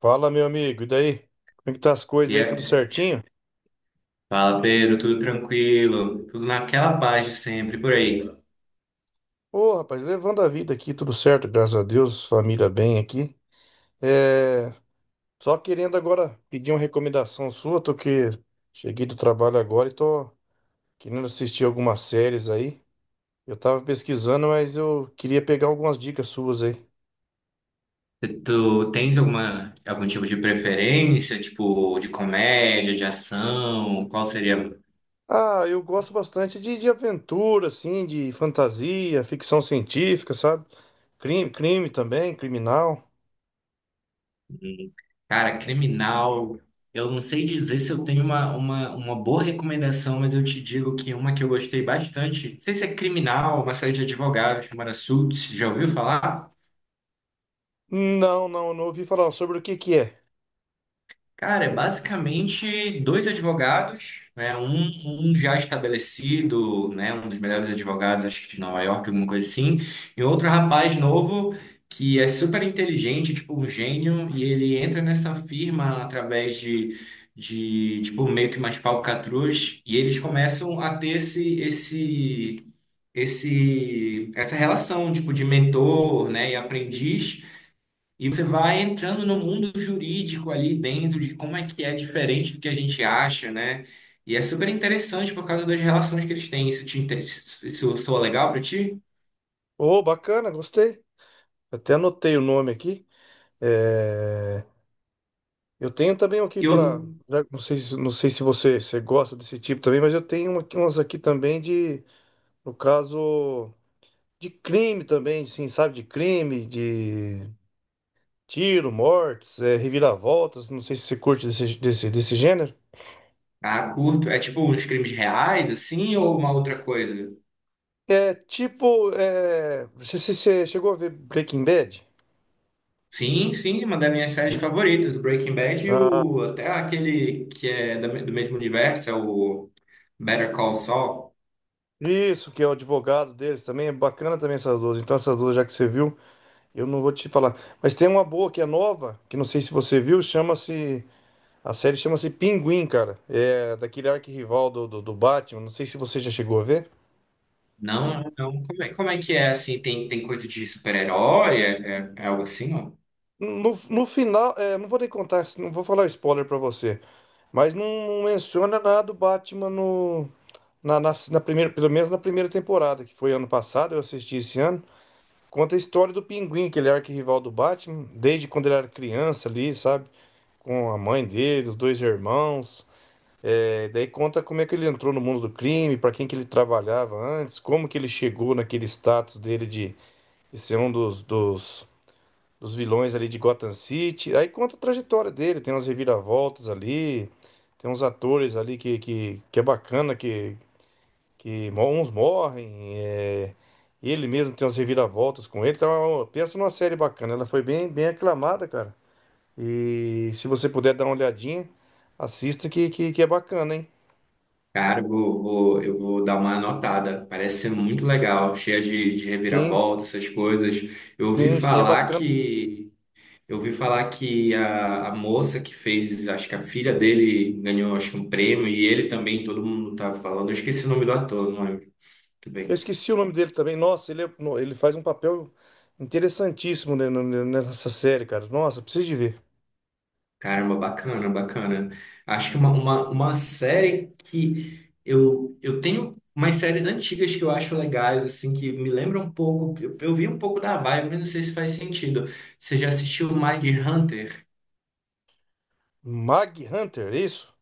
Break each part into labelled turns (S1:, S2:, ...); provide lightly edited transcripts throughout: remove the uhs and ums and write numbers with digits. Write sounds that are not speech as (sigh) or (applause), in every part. S1: Fala, meu amigo, e daí? Como é que tá as coisas
S2: E
S1: aí, tudo
S2: aí?
S1: certinho?
S2: Fala, Pedro, tudo tranquilo? Tudo naquela paz de sempre, por aí.
S1: Ô, rapaz, levando a vida aqui, tudo certo, graças a Deus, família bem aqui. É, só querendo agora pedir uma recomendação sua, tô que cheguei do trabalho agora e tô querendo assistir algumas séries aí. Eu tava pesquisando, mas eu queria pegar algumas dicas suas aí.
S2: Tu tens algum tipo de preferência, tipo, de comédia, de ação? Qual seria?
S1: Ah, eu gosto bastante de aventura, assim, de fantasia, ficção científica, sabe? Crime, crime também, criminal.
S2: Hum. Cara, criminal. Eu não sei dizer se eu tenho uma boa recomendação, mas eu te digo que uma que eu gostei bastante. Não sei se é criminal, uma série de advogados chamada Suits, já ouviu falar?
S1: Não, não, eu não ouvi falar sobre o que que é.
S2: Cara, é basicamente dois advogados, né? Um já estabelecido, né? Um dos melhores advogados, acho que de Nova York, alguma coisa assim, e outro rapaz novo que é super inteligente, tipo um gênio, e ele entra nessa firma através de tipo, meio que umas falcatruas, e eles começam a ter essa relação, tipo, de mentor, né? E aprendiz. E você vai entrando no mundo jurídico ali dentro de como é que é diferente do que a gente acha, né? E é super interessante por causa das relações que eles têm. Isso te interessa, isso soa legal pra ti?
S1: Ô, bacana, gostei. Até anotei o nome aqui. É, Eu tenho também um aqui
S2: E eu,
S1: para. Não sei, não sei se você gosta desse tipo também, mas eu tenho um umas aqui também de, no caso, de crime também, assim, sabe? De crime, de tiro, mortes, é, reviravoltas. Não sei se você curte desse gênero.
S2: ah, curto. É tipo uns crimes reais, assim, ou uma outra coisa?
S1: É tipo. É... você chegou a ver Breaking Bad?
S2: Sim, sim, uma das minhas séries favoritas, o Breaking Bad e o, até aquele que é do mesmo universo, é o Better Call Saul.
S1: Isso, que é o advogado deles também. É bacana também essas duas. Então, essas duas, já que você viu. Eu não vou te falar. Mas tem uma boa que é nova, que não sei se você viu, chama-se. A série chama-se Pinguim, cara. É daquele arquirrival do Batman. Não sei se você já chegou a ver.
S2: Não, não. Como é que é assim? Tem, tem coisa de super-herói? É algo assim, ó?
S1: No, no final, é, não vou nem contar, não vou falar spoiler pra você. Mas não menciona nada do Batman no, na, na, na primeira, pelo menos na primeira temporada, que foi ano passado, eu assisti esse ano. Conta a história do Pinguim, que ele é arquirrival do Batman, desde quando ele era criança ali, sabe? Com a mãe dele, os dois irmãos. É, daí conta como é que ele entrou no mundo do crime, para quem que ele trabalhava antes, como que ele chegou naquele status dele de ser um dos vilões ali de Gotham City. Aí conta a trajetória dele, tem umas reviravoltas ali, tem uns atores ali que é bacana, uns morrem, é, ele mesmo tem umas reviravoltas com ele. Então, é pensa numa série bacana, ela foi bem, bem aclamada, cara. E se você puder dar uma olhadinha, assista que é bacana, hein?
S2: Cara, eu vou dar uma anotada. Parece ser muito legal, cheia de
S1: Sim.
S2: reviravolta, essas coisas. Eu ouvi
S1: Sim, sim, é
S2: falar
S1: bacana.
S2: que eu ouvi falar que a moça que fez, acho que a filha dele ganhou, acho que um prêmio e ele também, todo mundo tá falando. Eu esqueci o nome do ator, não lembro. Tudo bem.
S1: Eu esqueci o nome dele também. Nossa, ele, ele faz um papel interessantíssimo nessa série, cara. Nossa, preciso de ver.
S2: Caramba, bacana, bacana. Acho que é uma série que eu tenho umas séries antigas que eu acho legais, assim, que me lembram um pouco. Eu vi um pouco da vibe, mas não sei se faz sentido. Você já assistiu Mind Hunter?
S1: Mag Hunter, é isso?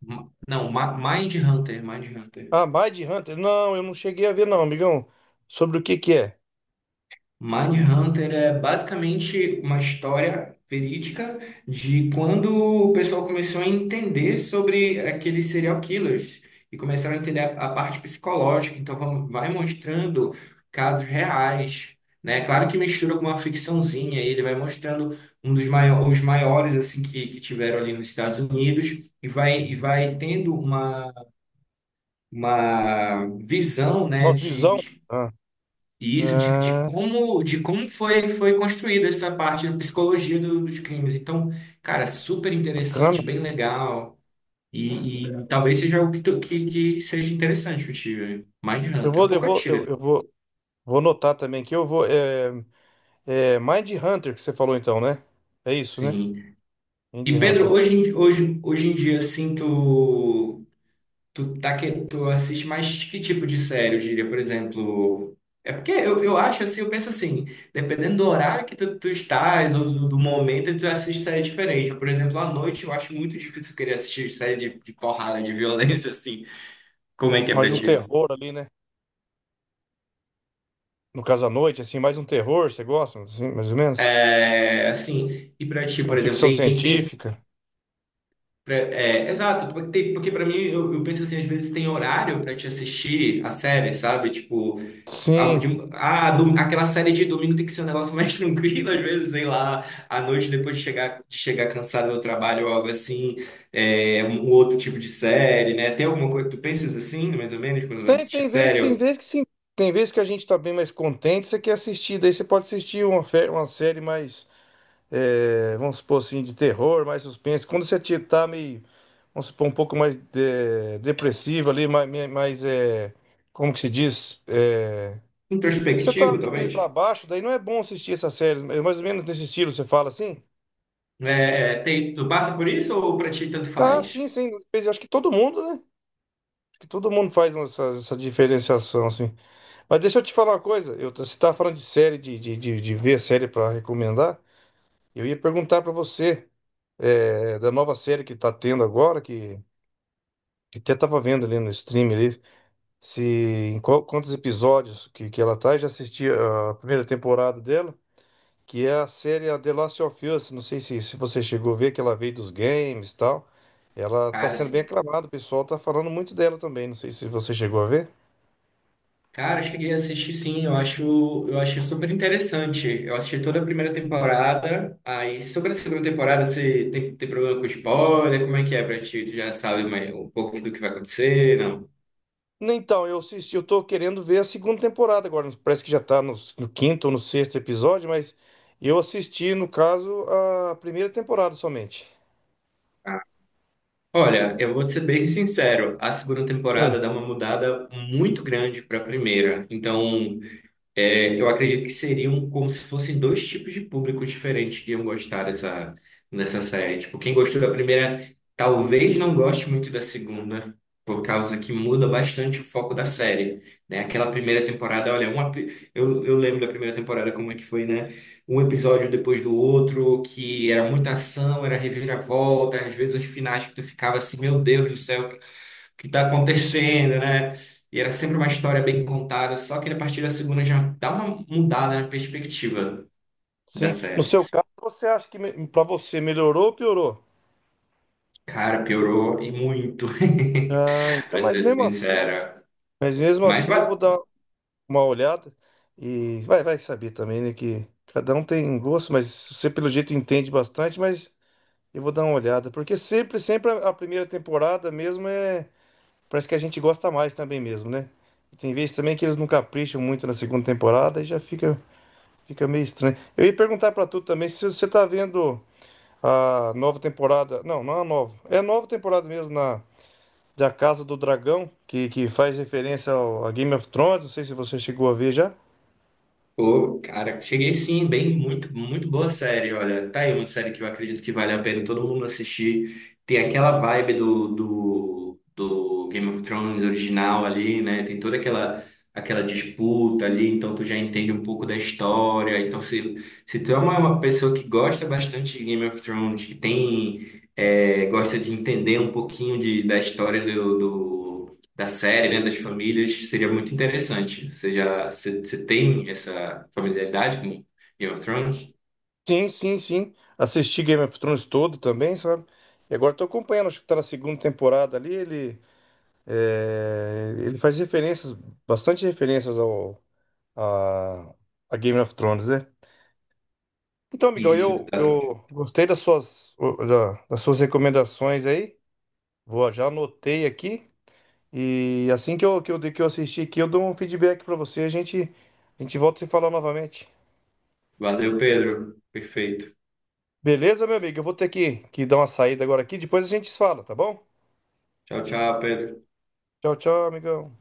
S2: Não, Mind Hunter.
S1: Ah, Mind Hunter. Não, eu não cheguei a ver, não, amigão. Sobre o que que é?
S2: Mindhunter é basicamente uma história verídica de quando o pessoal começou a entender sobre aqueles serial killers e começaram a entender a parte psicológica. Então, vamos, vai mostrando casos reais, né? Claro que mistura com uma ficçãozinha, e ele vai mostrando os maiores assim que tiveram ali nos Estados Unidos e vai tendo uma visão, né,
S1: Uma visão?
S2: de
S1: Ah,
S2: e isso de
S1: ah,
S2: como foi construída essa parte da psicologia dos crimes. Então, cara, super
S1: bacana.
S2: interessante, bem legal. E talvez seja algo que que, seja interessante para ti.
S1: Eu
S2: Mindhunter, é um
S1: vou, eu
S2: pouco
S1: vou,
S2: antiga.
S1: eu vou, vou anotar também que eu vou. É Mind Hunter que você falou então, né? É isso, né?
S2: Sim.
S1: Mind
S2: E Pedro,
S1: Hunter.
S2: hoje em dia, assim, tu assiste mais que tipo de série, eu diria, por exemplo? É porque eu acho assim, eu penso assim, dependendo do horário que tu estás ou do momento, tu assiste série diferente. Por exemplo, à noite eu acho muito difícil querer assistir série de porrada, de (laughs) violência, assim. Como é que é pra
S1: Mais um
S2: ti isso?
S1: terror ali, né? No caso à noite, assim, mais um terror, você gosta, assim, mais ou menos?
S2: É, assim, e pra ti, por
S1: Uma
S2: exemplo,
S1: ficção científica?
S2: exato, porque tem, porque pra mim, eu penso assim, às vezes tem horário pra te assistir a série, sabe? Tipo,
S1: Sim.
S2: ah aquela série de domingo tem que ser um negócio mais (laughs) tranquilo, às vezes, sei lá, à noite depois de chegar cansado do trabalho ou algo assim, é, um outro tipo de série, né? Tem alguma coisa que tu pensas assim, mais ou menos, quando vai assistir série?
S1: Tem
S2: Ou
S1: vezes que sim. Tem vezes que a gente tá bem mais contente, você quer assistir. Daí você pode assistir uma, uma série mais, é, vamos supor assim, de terror, mais suspense. Quando você tá meio, vamos supor, um pouco mais depressivo ali, mais, é, como que se diz? É, você tá
S2: introspectivo,
S1: meio
S2: talvez?
S1: pra baixo, daí não é bom assistir essas séries. É mais ou menos nesse estilo, você fala assim?
S2: É, tem, tu passa por isso ou pra ti tanto
S1: Ah, sim,
S2: faz?
S1: sim. Eu acho que todo mundo, né? Acho que todo mundo faz essa diferenciação, assim. Mas deixa eu te falar uma coisa. Eu, você estava falando de série, de ver série para recomendar. Eu ia perguntar para você é, da nova série que tá tendo agora, que até estava vendo ali no stream ali, se em quantos episódios que ela tá. Eu já assisti a primeira temporada dela, que é a série a The Last of Us. Não sei se, se você chegou a ver que ela veio dos games e tal. Ela tá
S2: Cara,
S1: sendo bem
S2: assim.
S1: aclamada, o pessoal tá falando muito dela também. Não sei se você chegou a ver.
S2: Cara, eu cheguei a assistir sim, eu acho, eu achei super interessante. Eu assisti toda a primeira temporada, aí sobre a segunda temporada você tem problema com spoiler, como é que é pra ti? Tu já sabe mais, um pouco do que vai acontecer, não?
S1: Então, eu assisti, eu tô querendo ver a segunda temporada agora. Parece que já tá no quinto ou no sexto episódio, mas eu assisti, no caso, a primeira temporada somente.
S2: Ah, olha, eu vou te ser bem sincero, a segunda temporada
S1: Sim.
S2: dá uma mudada muito grande para a primeira. Então, é, eu acredito que seriam como se fossem dois tipos de públicos diferentes que iam gostar dessa série. Tipo, quem gostou da primeira talvez não goste muito da segunda, por causa que muda bastante o foco da série, né? Aquela primeira temporada, olha, eu lembro da primeira temporada como é que foi, né? Um episódio depois do outro, que era muita ação, era reviravolta, às vezes os finais que tu ficava assim, meu Deus do céu, que está
S1: No,
S2: acontecendo, né? E era sempre uma história bem contada, só que a partir da segunda já dá uma mudada na perspectiva da
S1: sim. No
S2: série.
S1: seu
S2: Assim.
S1: caso, você acha que pra você melhorou ou piorou?
S2: Cara, piorou e muito,
S1: Ah,
S2: (laughs)
S1: então,
S2: pra ser sincera.
S1: mas mesmo
S2: Mas
S1: assim eu vou dar uma olhada e vai, vai saber também, né, que cada um tem gosto, mas você pelo jeito entende bastante, mas eu vou dar uma olhada, porque sempre a primeira temporada mesmo parece que a gente gosta mais também mesmo, né? E tem vezes também que eles não capricham muito na segunda temporada e já fica, fica meio estranho. Eu ia perguntar pra tu também se você tá vendo a nova temporada. Não, não é a nova. É a nova temporada mesmo na da Casa do Dragão, que faz referência a Game of Thrones. Não sei se você chegou a ver já.
S2: pô, cara, cheguei sim, bem, muito, muito boa série, olha. Tá aí uma série que eu acredito que vale a pena todo mundo assistir. Tem aquela vibe do Game of Thrones original ali, né? Tem toda aquela, aquela disputa ali, então tu já entende um pouco da história. Então, se tu é uma pessoa que gosta bastante de Game of Thrones, que tem, é, gosta de entender um pouquinho de, da história do, do da série, né, das famílias, seria muito interessante. Você tem essa familiaridade com Game of Thrones?
S1: Sim, sim, sim. Assisti Game of Thrones todo também, sabe? E agora tô acompanhando, acho que tá na segunda temporada ali. Ele, é, ele faz referências, bastante referências ao a, a Game of Thrones, né? Então, amigão,
S2: Isso, exatamente.
S1: eu gostei das suas, das suas recomendações aí. Vou, já anotei aqui. E assim que que eu assistir aqui, eu dou um feedback pra você. A gente volta a se falar novamente.
S2: Valeu, Pedro. Perfeito.
S1: Beleza, meu amigo? Eu vou ter que dar uma saída agora aqui. Depois a gente se fala, tá bom?
S2: Tchau, tchau, Pedro.
S1: Tchau, tchau, amigão.